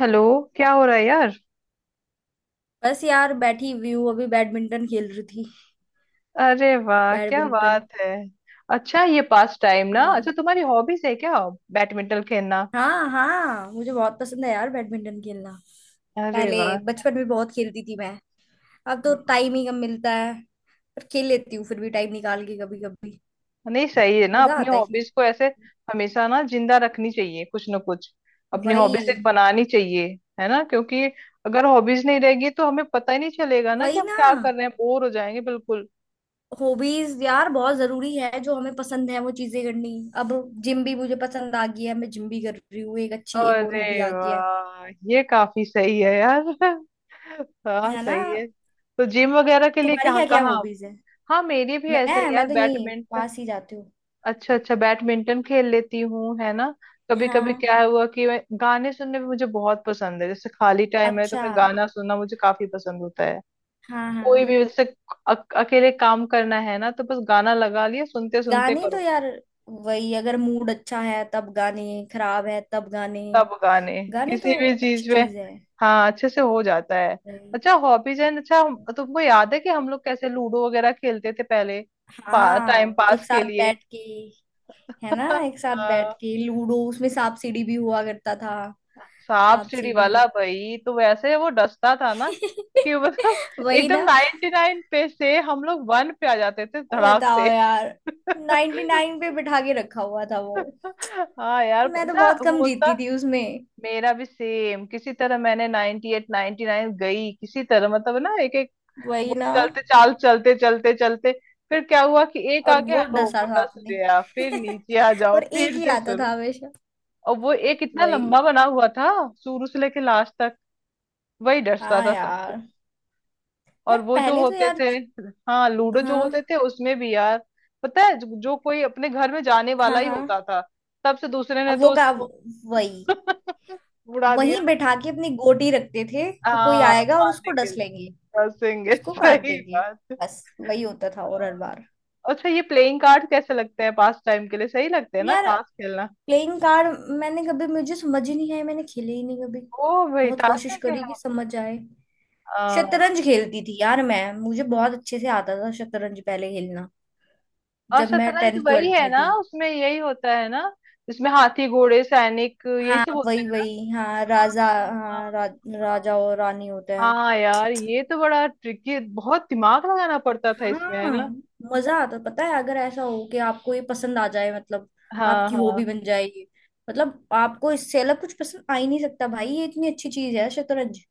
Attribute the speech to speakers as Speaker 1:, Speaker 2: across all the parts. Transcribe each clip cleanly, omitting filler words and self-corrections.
Speaker 1: Hello. क्या हो रहा है यार।
Speaker 2: बस यार बैठी हुई हूँ। अभी बैडमिंटन खेल रही थी।
Speaker 1: अरे वाह क्या
Speaker 2: बैडमिंटन।
Speaker 1: बात है। अच्छा ये पास टाइम ना, अच्छा
Speaker 2: हाँ
Speaker 1: तुम्हारी हॉबीज है क्या बैडमिंटन खेलना?
Speaker 2: हाँ हाँ मुझे बहुत पसंद है यार बैडमिंटन खेलना।
Speaker 1: अरे
Speaker 2: पहले
Speaker 1: वाह।
Speaker 2: बचपन में बहुत खेलती थी मैं। अब तो
Speaker 1: हाँ।
Speaker 2: टाइम ही कम मिलता है। पर खेल लेती हूँ फिर भी टाइम निकाल के कभी कभी।
Speaker 1: नहीं सही है ना,
Speaker 2: मजा
Speaker 1: अपनी
Speaker 2: आता है खेल।
Speaker 1: हॉबीज को ऐसे हमेशा ना जिंदा रखनी चाहिए, कुछ ना कुछ अपनी
Speaker 2: वही।
Speaker 1: हॉबीज एक बनानी चाहिए। है ना? क्योंकि अगर हॉबीज नहीं रहेगी तो हमें पता ही नहीं चलेगा ना कि
Speaker 2: वही
Speaker 1: हम
Speaker 2: ना।
Speaker 1: क्या कर रहे हैं, बोर हो जाएंगे बिल्कुल।
Speaker 2: हॉबीज यार बहुत जरूरी है, जो हमें पसंद है वो चीजें करनी। अब जिम भी मुझे पसंद आ गई है, मैं जिम भी कर रही हूँ। एक अच्छी एक और हॉबी
Speaker 1: अरे
Speaker 2: आ गई है।
Speaker 1: वाह ये काफी सही है यार। हाँ
Speaker 2: है ना।
Speaker 1: सही है। तो जिम वगैरह के लिए
Speaker 2: तुम्हारी
Speaker 1: कहाँ
Speaker 2: क्या क्या
Speaker 1: कहाँ।
Speaker 2: हॉबीज है।
Speaker 1: हाँ मेरी भी ऐसे
Speaker 2: मैं
Speaker 1: ही यार
Speaker 2: मैं तो यही
Speaker 1: बैडमिंटन।
Speaker 2: पास ही जाती हूँ।
Speaker 1: अच्छा अच्छा बैडमिंटन खेल लेती हूँ, है ना। कभी कभी
Speaker 2: हाँ।
Speaker 1: क्या हुआ कि मैं गाने सुनने भी मुझे बहुत पसंद है, जैसे खाली टाइम है तो
Speaker 2: अच्छा।
Speaker 1: मैं गाना सुनना मुझे काफी पसंद होता है।
Speaker 2: हाँ,
Speaker 1: कोई
Speaker 2: हाँ।
Speaker 1: भी जैसे अकेले काम करना है ना, तो बस गाना लगा लिया सुनते सुनते
Speaker 2: गाने तो
Speaker 1: करो।
Speaker 2: यार, वही, अगर मूड अच्छा है तब गाने, खराब है तब गाने।
Speaker 1: सब गाने
Speaker 2: गाने
Speaker 1: किसी
Speaker 2: तो
Speaker 1: भी
Speaker 2: अच्छी
Speaker 1: चीज में
Speaker 2: चीज है।
Speaker 1: हाँ अच्छे से हो जाता है।
Speaker 2: वही।
Speaker 1: अच्छा हॉबीज है। अच्छा तुमको याद है कि हम लोग कैसे लूडो वगैरह खेलते थे पहले, टाइम
Speaker 2: हाँ, एक
Speaker 1: पास के
Speaker 2: साथ
Speaker 1: लिए।
Speaker 2: बैठ के। है ना, एक साथ बैठ
Speaker 1: हाँ।
Speaker 2: के लूडो, उसमें सांप सीढ़ी भी हुआ करता था।
Speaker 1: सांप
Speaker 2: सांप
Speaker 1: सीढ़ी
Speaker 2: सीढ़ी।
Speaker 1: वाला भाई तो वैसे वो डसता था ना, कि मतलब
Speaker 2: वही
Speaker 1: एकदम
Speaker 2: ना।
Speaker 1: 99 नाइन पे से हम लोग वन पे आ जाते थे धड़ाक
Speaker 2: बताओ
Speaker 1: से।
Speaker 2: यार, 99 नाइन पे बिठा के रखा हुआ था वो।
Speaker 1: हाँ यार
Speaker 2: मैं तो
Speaker 1: अच्छा
Speaker 2: बहुत कम
Speaker 1: होता।
Speaker 2: जीती थी उसमें।
Speaker 1: मेरा भी सेम, किसी तरह मैंने 98 एट नाइनटी नाइन गई किसी तरह, मतलब ना एक एक
Speaker 2: वही
Speaker 1: वो
Speaker 2: ना।
Speaker 1: चलते चाल चलते चलते चलते फिर क्या हुआ कि एक
Speaker 2: और
Speaker 1: आ गया
Speaker 2: वो
Speaker 1: तो
Speaker 2: डसा
Speaker 1: वो
Speaker 2: था
Speaker 1: डस
Speaker 2: आपने।
Speaker 1: गया, फिर नीचे आ जाओ
Speaker 2: और एक
Speaker 1: फिर
Speaker 2: ही
Speaker 1: से
Speaker 2: आता
Speaker 1: शुरू।
Speaker 2: था हमेशा।
Speaker 1: और वो एक इतना लंबा
Speaker 2: वही।
Speaker 1: बना हुआ था, शुरू से लेके लास्ट तक वही डसता
Speaker 2: हाँ
Speaker 1: था सबको।
Speaker 2: यार।
Speaker 1: और
Speaker 2: यार
Speaker 1: वो जो
Speaker 2: पहले तो
Speaker 1: होते
Speaker 2: यार।
Speaker 1: थे, हाँ लूडो जो
Speaker 2: हाँ
Speaker 1: होते थे उसमें भी यार, पता है जो कोई अपने घर में जाने वाला
Speaker 2: हाँ
Speaker 1: ही
Speaker 2: हाँ।
Speaker 1: होता था, तब से दूसरे ने
Speaker 2: अब वो
Speaker 1: तो
Speaker 2: का
Speaker 1: उसको
Speaker 2: वही
Speaker 1: उड़ा
Speaker 2: वहीं
Speaker 1: दिया।
Speaker 2: बैठा के अपनी गोटी रखते थे कि कोई
Speaker 1: हाँ
Speaker 2: आएगा और
Speaker 1: मारने
Speaker 2: उसको
Speaker 1: के
Speaker 2: डस
Speaker 1: लिए
Speaker 2: लेंगे।
Speaker 1: कसेंगे।
Speaker 2: उसको काट
Speaker 1: सही
Speaker 2: देंगे।
Speaker 1: बात।
Speaker 2: बस वही होता था, और हर बार।
Speaker 1: अच्छा ये प्लेइंग कार्ड कैसे लगते हैं, पास टाइम के लिए सही लगते हैं ना
Speaker 2: यार,
Speaker 1: ताश खेलना।
Speaker 2: प्लेइंग कार्ड मैंने कभी, मुझे समझ ही नहीं आया, मैंने खेले ही नहीं कभी।
Speaker 1: ओ भाई
Speaker 2: बहुत
Speaker 1: ताश
Speaker 2: कोशिश
Speaker 1: नहीं
Speaker 2: करी कि
Speaker 1: खेला।
Speaker 2: समझ आए।
Speaker 1: हाँ,
Speaker 2: शतरंज खेलती थी यार मैं, मुझे बहुत अच्छे से आता था शतरंज पहले खेलना।
Speaker 1: और
Speaker 2: जब मैं
Speaker 1: शतरंज
Speaker 2: टेंथ
Speaker 1: वही
Speaker 2: ट्वेल्थ
Speaker 1: है
Speaker 2: में
Speaker 1: ना
Speaker 2: थी।
Speaker 1: उसमें यही होता है ना, जिसमें हाथी घोड़े सैनिक यही
Speaker 2: हाँ
Speaker 1: सब होते
Speaker 2: वही
Speaker 1: हैं।
Speaker 2: वही, हाँ राजा।
Speaker 1: हाँ हाँ।
Speaker 2: हाँ रा,
Speaker 1: हाँ।
Speaker 2: राजा और रानी होते हैं।
Speaker 1: हाँ यार ये तो बड़ा ट्रिकी, बहुत दिमाग लगाना पड़ता था इसमें, है
Speaker 2: हाँ।
Speaker 1: ना।
Speaker 2: मजा आता है, पता है अगर ऐसा हो कि आपको ये पसंद आ जाए, मतलब
Speaker 1: हाँ
Speaker 2: आपकी हॉबी
Speaker 1: हाँ।
Speaker 2: बन जाए ये, मतलब आपको इससे अलग कुछ पसंद आ ही नहीं सकता भाई। ये इतनी अच्छी चीज है शतरंज।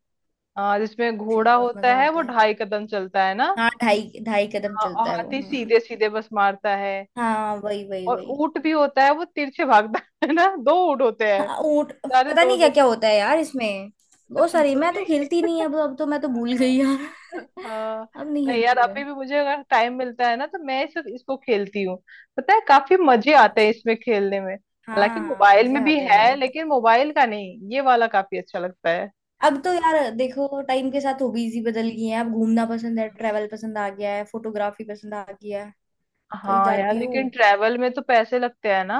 Speaker 1: हाँ, जिसमें
Speaker 2: मुझे तो
Speaker 1: घोड़ा
Speaker 2: बहुत
Speaker 1: होता
Speaker 2: मजा
Speaker 1: है
Speaker 2: आता
Speaker 1: वो
Speaker 2: है।
Speaker 1: ढाई कदम चलता है ना।
Speaker 2: हाँ, ढाई ढाई कदम
Speaker 1: हाँ, और
Speaker 2: चलता है वो।
Speaker 1: हाथी
Speaker 2: हम्म।
Speaker 1: सीधे सीधे बस मारता है।
Speaker 2: हाँ वही वही
Speaker 1: और
Speaker 2: वही।
Speaker 1: ऊंट भी होता है वो तिरछे भागता, है ना दो ऊंट होते हैं,
Speaker 2: हाँ, ऊंट।
Speaker 1: सारे
Speaker 2: पता
Speaker 1: दो
Speaker 2: नहीं क्या
Speaker 1: दो।
Speaker 2: क्या होता है यार इसमें,
Speaker 1: अच्छा
Speaker 2: बहुत
Speaker 1: तुम
Speaker 2: सारी।
Speaker 1: भूल
Speaker 2: मैं तो हिलती
Speaker 1: गई?
Speaker 2: नहीं है। अब तो मैं तो भूल गई यार।
Speaker 1: हाँ।
Speaker 2: अब नहीं
Speaker 1: नहीं यार
Speaker 2: हिलती है।
Speaker 1: अभी भी मुझे अगर टाइम मिलता है ना तो मैं इसको खेलती हूँ। पता है काफी मजे आते हैं
Speaker 2: अच्छा।
Speaker 1: इसमें खेलने में,
Speaker 2: हाँ
Speaker 1: हालांकि
Speaker 2: हाँ,
Speaker 1: मोबाइल
Speaker 2: मजे
Speaker 1: में भी
Speaker 2: आते हैं
Speaker 1: है
Speaker 2: भाई।
Speaker 1: लेकिन मोबाइल का नहीं, ये वाला काफी अच्छा लगता है।
Speaker 2: अब तो यार देखो, टाइम के साथ हॉबीज ही बदल गई हैं। अब घूमना पसंद है, ट्रैवल पसंद आ गया है, फोटोग्राफी पसंद आ गया है। कहीं
Speaker 1: हाँ यार
Speaker 2: जाती हूँ।
Speaker 1: लेकिन ट्रैवल में तो पैसे लगते हैं ना,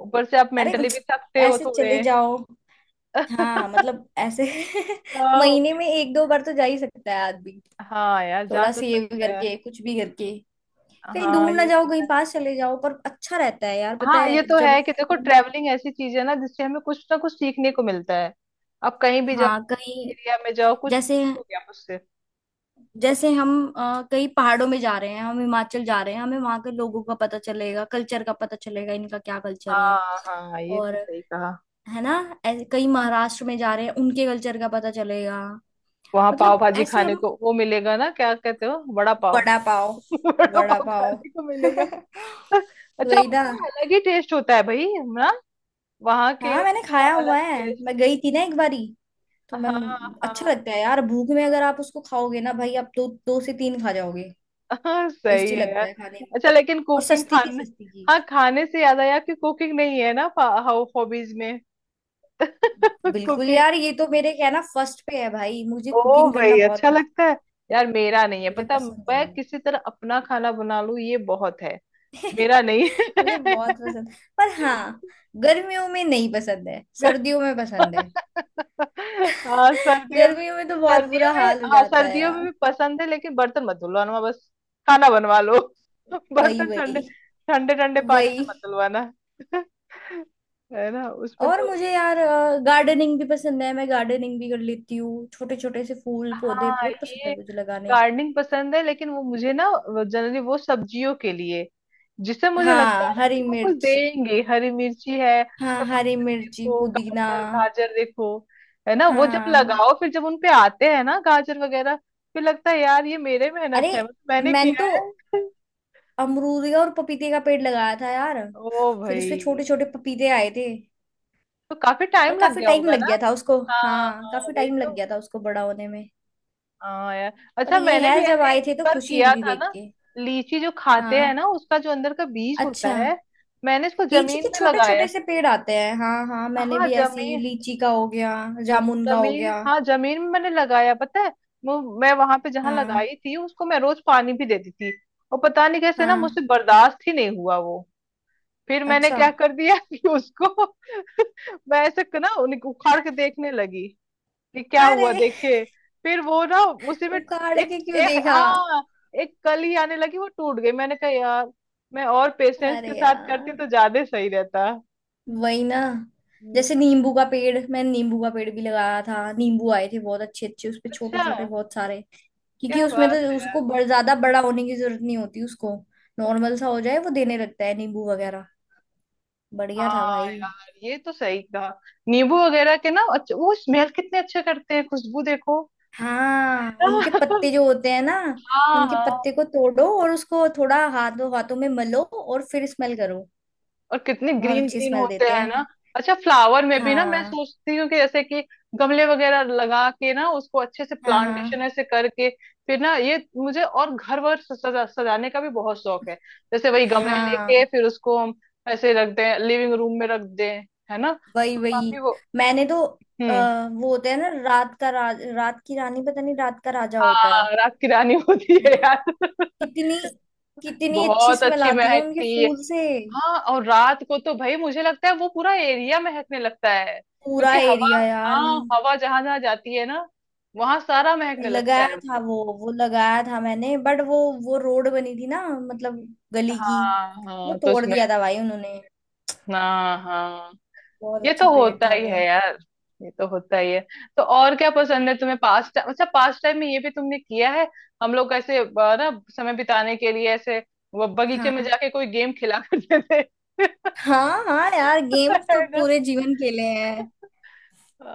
Speaker 1: ऊपर से आप
Speaker 2: अरे
Speaker 1: मेंटली भी थकते हो
Speaker 2: ऐसे
Speaker 1: थोड़े।
Speaker 2: चले जाओ। हाँ मतलब ऐसे,
Speaker 1: हाँ
Speaker 2: महीने में एक दो बार तो जा ही सकता है आदमी।
Speaker 1: हाँ यार जा
Speaker 2: थोड़ा
Speaker 1: तो
Speaker 2: सेव
Speaker 1: सकते हैं।
Speaker 2: करके, कुछ भी करके। कहीं दूर
Speaker 1: हाँ
Speaker 2: ना
Speaker 1: ये तो
Speaker 2: जाओ, कहीं
Speaker 1: है।
Speaker 2: पास चले जाओ, पर अच्छा रहता है यार। पता
Speaker 1: हाँ ये
Speaker 2: है
Speaker 1: तो
Speaker 2: जब
Speaker 1: है कि देखो
Speaker 2: हम-
Speaker 1: ट्रैवलिंग ऐसी चीज है ना जिससे हमें कुछ ना कुछ सीखने को मिलता है। आप कहीं भी जाओ,
Speaker 2: हाँ कहीं,
Speaker 1: एरिया में जाओ, कुछ
Speaker 2: जैसे
Speaker 1: हो गया उससे।
Speaker 2: जैसे हम कहीं पहाड़ों में जा रहे हैं, हम हिमाचल जा रहे हैं, हमें वहां के लोगों का पता चलेगा, कल्चर का पता चलेगा, इनका क्या कल्चर है।
Speaker 1: हाँ हाँ ये
Speaker 2: और
Speaker 1: तो सही कहा।
Speaker 2: है ना, ऐसे कहीं महाराष्ट्र में जा रहे हैं, उनके कल्चर का पता चलेगा।
Speaker 1: वहां पाव
Speaker 2: मतलब
Speaker 1: भाजी
Speaker 2: ऐसे
Speaker 1: खाने
Speaker 2: हम।
Speaker 1: को वो मिलेगा ना, क्या कहते हो, बड़ा पाव।
Speaker 2: वड़ा पाव।
Speaker 1: बड़ा
Speaker 2: वड़ा
Speaker 1: पाव
Speaker 2: पाव।
Speaker 1: खाने को मिलेगा। अच्छा
Speaker 2: वही ना।
Speaker 1: उनका अलग ही टेस्ट होता है भाई ना वहां के
Speaker 2: हाँ मैंने
Speaker 1: का,
Speaker 2: खाया
Speaker 1: अलग
Speaker 2: हुआ है।
Speaker 1: टेस्ट।
Speaker 2: मैं गई थी ना एक बारी, तो मैम,
Speaker 1: हाँ
Speaker 2: अच्छा लगता
Speaker 1: हाँ
Speaker 2: है यार। भूख में अगर आप उसको खाओगे ना भाई, आप दो दो से तीन खा जाओगे।
Speaker 1: हाँ। सही
Speaker 2: टेस्टी
Speaker 1: है
Speaker 2: लगता
Speaker 1: यार।
Speaker 2: है खाने में।
Speaker 1: अच्छा लेकिन
Speaker 2: और
Speaker 1: कुकिंग
Speaker 2: सस्ती की
Speaker 1: खाने,
Speaker 2: सस्ती
Speaker 1: हाँ
Speaker 2: चीज।
Speaker 1: खाने से याद आया कि कुकिंग नहीं है ना हाउ हॉबीज में।
Speaker 2: बिल्कुल
Speaker 1: कुकिंग।
Speaker 2: यार, ये तो मेरे क्या है ना, फर्स्ट पे है भाई, मुझे
Speaker 1: ओ
Speaker 2: कुकिंग करना
Speaker 1: भाई
Speaker 2: बहुत
Speaker 1: अच्छा
Speaker 2: पसंद।
Speaker 1: लगता है यार, मेरा नहीं है
Speaker 2: मुझे
Speaker 1: पता,
Speaker 2: पसंद
Speaker 1: मैं
Speaker 2: है,
Speaker 1: किसी तरह अपना खाना बना लूं ये बहुत है। मेरा नहीं
Speaker 2: मुझे
Speaker 1: है।
Speaker 2: बहुत पसंद। पर हाँ, गर्मियों में नहीं पसंद है, सर्दियों में पसंद है।
Speaker 1: हाँ सर्दियों में।
Speaker 2: गर्मियों में तो बहुत
Speaker 1: सर्दियों
Speaker 2: बुरा
Speaker 1: में,
Speaker 2: हाल हो
Speaker 1: हाँ
Speaker 2: जाता है
Speaker 1: सर्दियों में
Speaker 2: यार।
Speaker 1: भी पसंद है, लेकिन बर्तन मत धुलवाना बस, खाना बनवा लो।
Speaker 2: वही
Speaker 1: बर्तन ठंडे
Speaker 2: वही
Speaker 1: ठंडे ठंडे पानी
Speaker 2: वही।
Speaker 1: से मत धुलवाना। है ना, उसमें
Speaker 2: और
Speaker 1: तो।
Speaker 2: मुझे यार गार्डनिंग भी पसंद है, मैं गार्डनिंग भी कर लेती हूँ। छोटे छोटे से फूल पौधे
Speaker 1: हाँ
Speaker 2: बहुत पसंद
Speaker 1: ये
Speaker 2: है मुझे लगाने।
Speaker 1: गार्डनिंग पसंद है, लेकिन वो मुझे ना जनरली वो सब्जियों के लिए, जिससे मुझे लगता
Speaker 2: हाँ
Speaker 1: है ना
Speaker 2: हरी
Speaker 1: कि वो कुछ
Speaker 2: मिर्च।
Speaker 1: देंगे, हरी मिर्ची है,
Speaker 2: हाँ हरी
Speaker 1: टमाटर
Speaker 2: मिर्ची,
Speaker 1: देखो,
Speaker 2: पुदीना।
Speaker 1: गाजर, गाजर देखो। है ना, वो जब
Speaker 2: हाँ।
Speaker 1: लगाओ फिर जब उनपे आते हैं ना गाजर वगैरह, फिर लगता है यार ये मेरे
Speaker 2: अरे,
Speaker 1: मेहनत है, मतलब मैंने
Speaker 2: मैंने
Speaker 1: किया
Speaker 2: तो
Speaker 1: है।
Speaker 2: अमरूद का और पपीते का पेड़ लगाया था यार।
Speaker 1: ओ
Speaker 2: फिर
Speaker 1: भाई
Speaker 2: उसपे छोटे छोटे पपीते आए थे।
Speaker 1: तो काफी
Speaker 2: पर
Speaker 1: टाइम लग
Speaker 2: काफी
Speaker 1: गया
Speaker 2: टाइम
Speaker 1: होगा
Speaker 2: लग
Speaker 1: ना।
Speaker 2: गया था उसको,
Speaker 1: हाँ
Speaker 2: हाँ
Speaker 1: हाँ
Speaker 2: काफी
Speaker 1: वही
Speaker 2: टाइम लग
Speaker 1: तो।
Speaker 2: गया था उसको बड़ा होने में।
Speaker 1: हाँ यार।
Speaker 2: पर
Speaker 1: अच्छा
Speaker 2: ये
Speaker 1: मैंने
Speaker 2: है,
Speaker 1: भी
Speaker 2: जब
Speaker 1: ऐसे
Speaker 2: आए थे
Speaker 1: एक
Speaker 2: तो
Speaker 1: बार
Speaker 2: खुशी हुई
Speaker 1: किया
Speaker 2: थी
Speaker 1: था
Speaker 2: देख
Speaker 1: ना,
Speaker 2: के।
Speaker 1: लीची जो खाते हैं
Speaker 2: हाँ।
Speaker 1: ना उसका जो अंदर का बीज होता
Speaker 2: अच्छा।
Speaker 1: है, मैंने इसको
Speaker 2: लीची
Speaker 1: जमीन
Speaker 2: के
Speaker 1: में
Speaker 2: छोटे
Speaker 1: लगाया।
Speaker 2: छोटे से पेड़ आते हैं, हाँ हाँ मैंने
Speaker 1: हाँ
Speaker 2: भी ऐसी,
Speaker 1: जमीन,
Speaker 2: लीची का हो गया, जामुन का हो
Speaker 1: जमीन,
Speaker 2: गया।
Speaker 1: हाँ जमीन में मैंने लगाया, पता है वो मैं वहां पे जहाँ
Speaker 2: हाँ।
Speaker 1: लगाई थी उसको मैं रोज पानी भी देती थी। और पता नहीं कैसे ना,
Speaker 2: हाँ।
Speaker 1: मुझसे बर्दाश्त ही नहीं हुआ वो, फिर मैंने
Speaker 2: अच्छा।
Speaker 1: क्या कर दिया कि उसको मैं ऐसे ना उखाड़ के देखने लगी कि क्या हुआ
Speaker 2: अरे,
Speaker 1: देखिए। फिर वो ना उसी में
Speaker 2: उखाड़
Speaker 1: एक
Speaker 2: के क्यों
Speaker 1: एक
Speaker 2: देखा।
Speaker 1: हाँ एक कली आने लगी वो टूट गई, मैंने कहा यार, मैं और पेशेंस
Speaker 2: अरे
Speaker 1: के साथ करती
Speaker 2: यार।
Speaker 1: तो ज्यादा सही रहता।
Speaker 2: वही ना।
Speaker 1: हम्म।
Speaker 2: जैसे नींबू का पेड़, मैंने नींबू का पेड़ भी लगाया था, नींबू आए थे बहुत अच्छे अच्छे उसपे, छोटे
Speaker 1: अच्छा।
Speaker 2: छोटे बहुत सारे। क्योंकि
Speaker 1: क्या
Speaker 2: उसमें तो
Speaker 1: बात है यार।
Speaker 2: उसको ज्यादा बड़ा होने की जरूरत नहीं होती उसको। नॉर्मल सा हो जाए वो देने लगता है नींबू वगैरह। बढ़िया था
Speaker 1: हाँ
Speaker 2: भाई।
Speaker 1: यार ये तो सही कहा, नींबू वगैरह के ना अच्छा वो स्मेल कितने अच्छे करते हैं, खुशबू देखो।
Speaker 2: हाँ, उनके पत्ते जो होते हैं ना, उनके
Speaker 1: हाँ
Speaker 2: पत्ते को तोड़ो और उसको थोड़ा हाथों, हाथों में मलो और फिर स्मेल करो।
Speaker 1: और कितने
Speaker 2: बहुत
Speaker 1: ग्रीन
Speaker 2: अच्छी
Speaker 1: ग्रीन
Speaker 2: स्मेल
Speaker 1: होते
Speaker 2: देते
Speaker 1: हैं ना।
Speaker 2: हैं।
Speaker 1: अच्छा फ्लावर में भी ना मैं
Speaker 2: हाँ।
Speaker 1: सोचती हूँ कि जैसे कि गमले वगैरह लगा के ना उसको अच्छे से
Speaker 2: हाँ।
Speaker 1: प्लांटेशन
Speaker 2: हाँ।
Speaker 1: ऐसे करके, फिर ना ये मुझे, और घर वर सजाने का भी बहुत शौक है। जैसे वही गमले लेके
Speaker 2: हाँ
Speaker 1: फिर उसको हम ऐसे रख दें, लिविंग रूम में रख दें, है ना
Speaker 2: वही
Speaker 1: तो
Speaker 2: वही।
Speaker 1: काफी वो।
Speaker 2: मैंने तो
Speaker 1: हम्म।
Speaker 2: वो होता है ना, रात का राज, रात की रानी, पता नहीं रात का राजा होता है।
Speaker 1: हाँ रात की रानी होती
Speaker 2: है
Speaker 1: है
Speaker 2: ना।
Speaker 1: यार।
Speaker 2: कितनी, कितनी अच्छी
Speaker 1: बहुत
Speaker 2: स्मेल
Speaker 1: अच्छी
Speaker 2: आती है उनके
Speaker 1: महकती है।
Speaker 2: फूल से।
Speaker 1: हाँ और रात को तो भाई मुझे लगता है वो पूरा एरिया महकने लगता है
Speaker 2: पूरा
Speaker 1: क्योंकि हवा,
Speaker 2: एरिया यार।
Speaker 1: हाँ हवा जहां जहां जाती है ना, वहां सारा महकने लगता है।
Speaker 2: लगाया था वो लगाया था मैंने, बट वो रोड बनी थी ना, मतलब गली की,
Speaker 1: हाँ
Speaker 2: वो
Speaker 1: हाँ तो
Speaker 2: तोड़
Speaker 1: उसमें।
Speaker 2: दिया था भाई उन्होंने।
Speaker 1: हाँ हाँ।
Speaker 2: बहुत
Speaker 1: ये
Speaker 2: अच्छा
Speaker 1: तो
Speaker 2: पेड़
Speaker 1: होता
Speaker 2: था
Speaker 1: ही
Speaker 2: वो।
Speaker 1: है यार। ये तो होता ही है। तो और क्या पसंद है तुम्हें पास टाइम, अच्छा पास टाइम में ये भी तुमने किया है, हम लोग ऐसे ना समय बिताने के लिए ऐसे वो बगीचे में
Speaker 2: हाँ।
Speaker 1: जाके कोई गेम खिला करते थे।
Speaker 2: हाँ। हाँ यार, गेम तो
Speaker 1: है,
Speaker 2: पूरे जीवन खेले हैं।
Speaker 1: अ,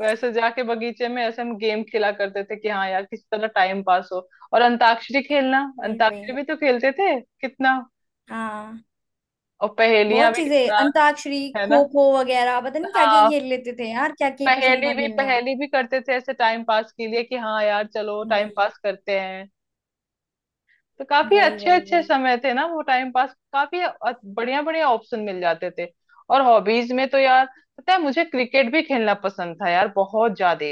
Speaker 1: वैसे जाके बगीचे में ऐसे हम गेम खेला करते थे कि हाँ यार किस तरह टाइम पास हो। और अंताक्षरी खेलना,
Speaker 2: वही
Speaker 1: अंताक्षरी
Speaker 2: वही।
Speaker 1: भी तो खेलते थे कितना,
Speaker 2: हाँ,
Speaker 1: और
Speaker 2: बहुत
Speaker 1: पहेलियां भी
Speaker 2: चीजें,
Speaker 1: कितना,
Speaker 2: अंताक्षरी,
Speaker 1: है ना।
Speaker 2: खो खो वगैरह, पता नहीं क्या क्या
Speaker 1: हाँ
Speaker 2: खेल लेते थे यार, क्या क्या ही पसंद था खेलना।
Speaker 1: पहेली भी करते थे ऐसे टाइम पास के लिए कि हाँ यार चलो टाइम
Speaker 2: वही
Speaker 1: पास करते हैं। तो काफी
Speaker 2: वही
Speaker 1: अच्छे
Speaker 2: वही।
Speaker 1: अच्छे
Speaker 2: वही।
Speaker 1: समय थे ना, वो टाइम पास काफी बढ़िया बढ़िया ऑप्शन मिल जाते थे। और हॉबीज में तो यार, पता है मुझे क्रिकेट भी खेलना पसंद था यार बहुत ज्यादा,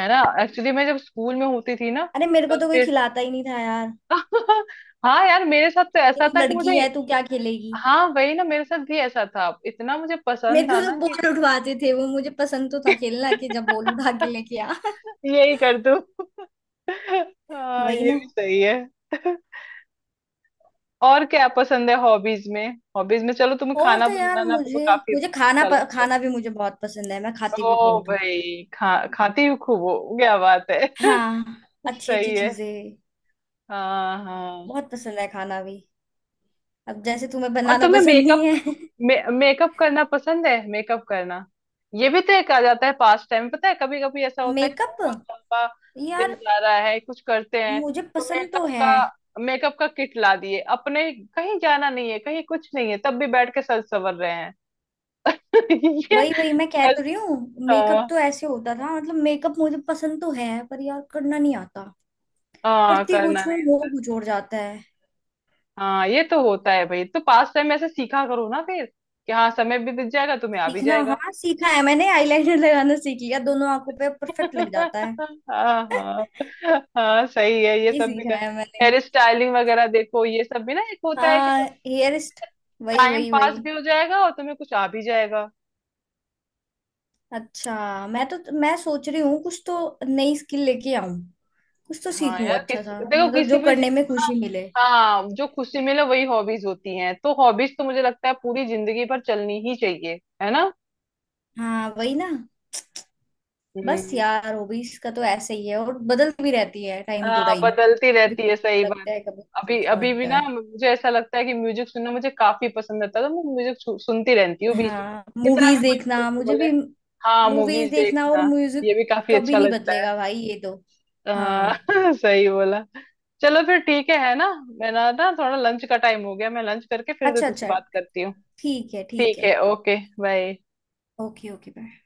Speaker 1: है ना, एक्चुअली मैं जब स्कूल में होती थी ना
Speaker 2: अरे मेरे को
Speaker 1: तब
Speaker 2: तो कोई
Speaker 1: फिर।
Speaker 2: खिलाता ही नहीं था यार,
Speaker 1: हाँ यार मेरे साथ तो
Speaker 2: कि
Speaker 1: ऐसा
Speaker 2: तू
Speaker 1: था कि मुझे,
Speaker 2: लड़की है तू क्या खेलेगी।
Speaker 1: हाँ वही ना, मेरे साथ भी ऐसा था, इतना मुझे
Speaker 2: मेरे
Speaker 1: पसंद
Speaker 2: को
Speaker 1: था
Speaker 2: तो
Speaker 1: ना कि
Speaker 2: बॉल उठवाते थे वो, मुझे पसंद तो था खेलना, कि जब बॉल उठा के लेके आ।
Speaker 1: यही कर दूं। हाँ
Speaker 2: वही
Speaker 1: ये
Speaker 2: ना।
Speaker 1: भी सही है। और क्या पसंद है हॉबीज में। हॉबीज में चलो तुम्हें
Speaker 2: और
Speaker 1: खाना
Speaker 2: तो यार
Speaker 1: बनाना तो
Speaker 2: मुझे,
Speaker 1: काफी अच्छा लगता है।
Speaker 2: खाना भी मुझे बहुत पसंद है, मैं खाती
Speaker 1: ओ
Speaker 2: भी बहुत हूँ।
Speaker 1: भाई खा खाती हूँ खूब हो क्या बात है।
Speaker 2: हाँ, अच्छी अच्छी
Speaker 1: सही है।
Speaker 2: चीजें,
Speaker 1: हाँ हाँ।
Speaker 2: बहुत पसंद है खाना भी। अब जैसे तुम्हें
Speaker 1: और
Speaker 2: बनाना
Speaker 1: तुम्हें
Speaker 2: पसंद नहीं
Speaker 1: मेकअप,
Speaker 2: है।
Speaker 1: मेकअप करना पसंद है, मेकअप करना ये भी तो एक आ जाता है पास टाइम। पता है कभी कभी ऐसा होता है कि
Speaker 2: मेकअप,
Speaker 1: बहुत लंबा दिन
Speaker 2: यार
Speaker 1: जा रहा है कुछ करते हैं,
Speaker 2: मुझे
Speaker 1: तो
Speaker 2: पसंद तो
Speaker 1: मेकअप
Speaker 2: है।
Speaker 1: का, मेकअप का किट ला दिए अपने, कहीं जाना नहीं है कहीं कुछ नहीं है तब भी बैठ के सर संवर रहे हैं। ये
Speaker 2: वही वही, मैं कह तो रही हूँ। मेकअप
Speaker 1: ऐसा।
Speaker 2: तो ऐसे होता था, मतलब मेकअप मुझे पसंद तो है पर यार करना नहीं आता।
Speaker 1: हाँ
Speaker 2: करती
Speaker 1: करना
Speaker 2: कुछ हूँ,
Speaker 1: नहीं।
Speaker 2: वो कुछ और जाता है।
Speaker 1: हाँ ये तो होता है भाई, तो पास टाइम ऐसे सीखा करो ना फिर, कि हाँ समय भी बीत जाएगा तुम्हें आ भी
Speaker 2: सीखना,
Speaker 1: जाएगा।
Speaker 2: हाँ सीखा है मैंने। आईलाइनर लगाना सीख लिया, दोनों आंखों पे परफेक्ट लग जाता है।
Speaker 1: हाँ हाँ। हाँ सही है ये
Speaker 2: ये
Speaker 1: सब भी कर,
Speaker 2: सीखा है मैंने।
Speaker 1: हेयर स्टाइलिंग वगैरह देखो ये सब भी ना, एक होता है कि
Speaker 2: हाँ,
Speaker 1: सब
Speaker 2: हेयरिस्ट, वही
Speaker 1: टाइम
Speaker 2: वही
Speaker 1: पास
Speaker 2: वही।
Speaker 1: भी हो जाएगा और तुम्हें कुछ आ भी जाएगा।
Speaker 2: अच्छा। मैं तो, मैं सोच रही हूँ कुछ तो नई स्किल लेके आऊं, कुछ तो
Speaker 1: हाँ
Speaker 2: सीखूं
Speaker 1: यार किस
Speaker 2: अच्छा सा,
Speaker 1: देखो,
Speaker 2: मतलब
Speaker 1: किसी
Speaker 2: जो
Speaker 1: पे
Speaker 2: करने में
Speaker 1: हाँ।
Speaker 2: खुशी मिले।
Speaker 1: हाँ, जो खुशी मिले वही हॉबीज होती हैं, तो हॉबीज तो मुझे लगता है पूरी जिंदगी भर चलनी ही चाहिए, है ना।
Speaker 2: हाँ वही ना। बस
Speaker 1: हम्म।
Speaker 2: यार हॉबीज का तो ऐसे ही है, और बदलती भी रहती है टाइम टू
Speaker 1: हाँ
Speaker 2: टाइम।
Speaker 1: बदलती
Speaker 2: कभी
Speaker 1: रहती
Speaker 2: कुछ
Speaker 1: है, सही
Speaker 2: अच्छा
Speaker 1: बात।
Speaker 2: लगता है, कभी कुछ
Speaker 1: अभी
Speaker 2: अच्छा
Speaker 1: अभी भी
Speaker 2: लगता
Speaker 1: ना
Speaker 2: है।
Speaker 1: मुझे ऐसा लगता है कि म्यूजिक सुनना मुझे काफी पसंद आता है, तो मैं म्यूजिक सुनती रहती हूँ बीच में
Speaker 2: हाँ,
Speaker 1: कितना भी
Speaker 2: मूवीज
Speaker 1: कोई कुछ
Speaker 2: देखना मुझे
Speaker 1: बोले।
Speaker 2: भी।
Speaker 1: हाँ
Speaker 2: मूवीज
Speaker 1: मूवीज
Speaker 2: देखना और
Speaker 1: देखना,
Speaker 2: म्यूजिक
Speaker 1: ये भी काफी अच्छा
Speaker 2: कभी नहीं
Speaker 1: लगता है।
Speaker 2: बदलेगा भाई, ये तो।
Speaker 1: हाँ।
Speaker 2: हाँ।
Speaker 1: सही बोला। चलो फिर ठीक है ना, मेरा ना थोड़ा लंच का टाइम हो गया, मैं लंच करके फिर
Speaker 2: अच्छा
Speaker 1: तुझसे
Speaker 2: अच्छा।
Speaker 1: बात करती हूँ।
Speaker 2: ठीक है ठीक
Speaker 1: ठीक
Speaker 2: है।
Speaker 1: है। Okay bye.
Speaker 2: Okay okay. Bye.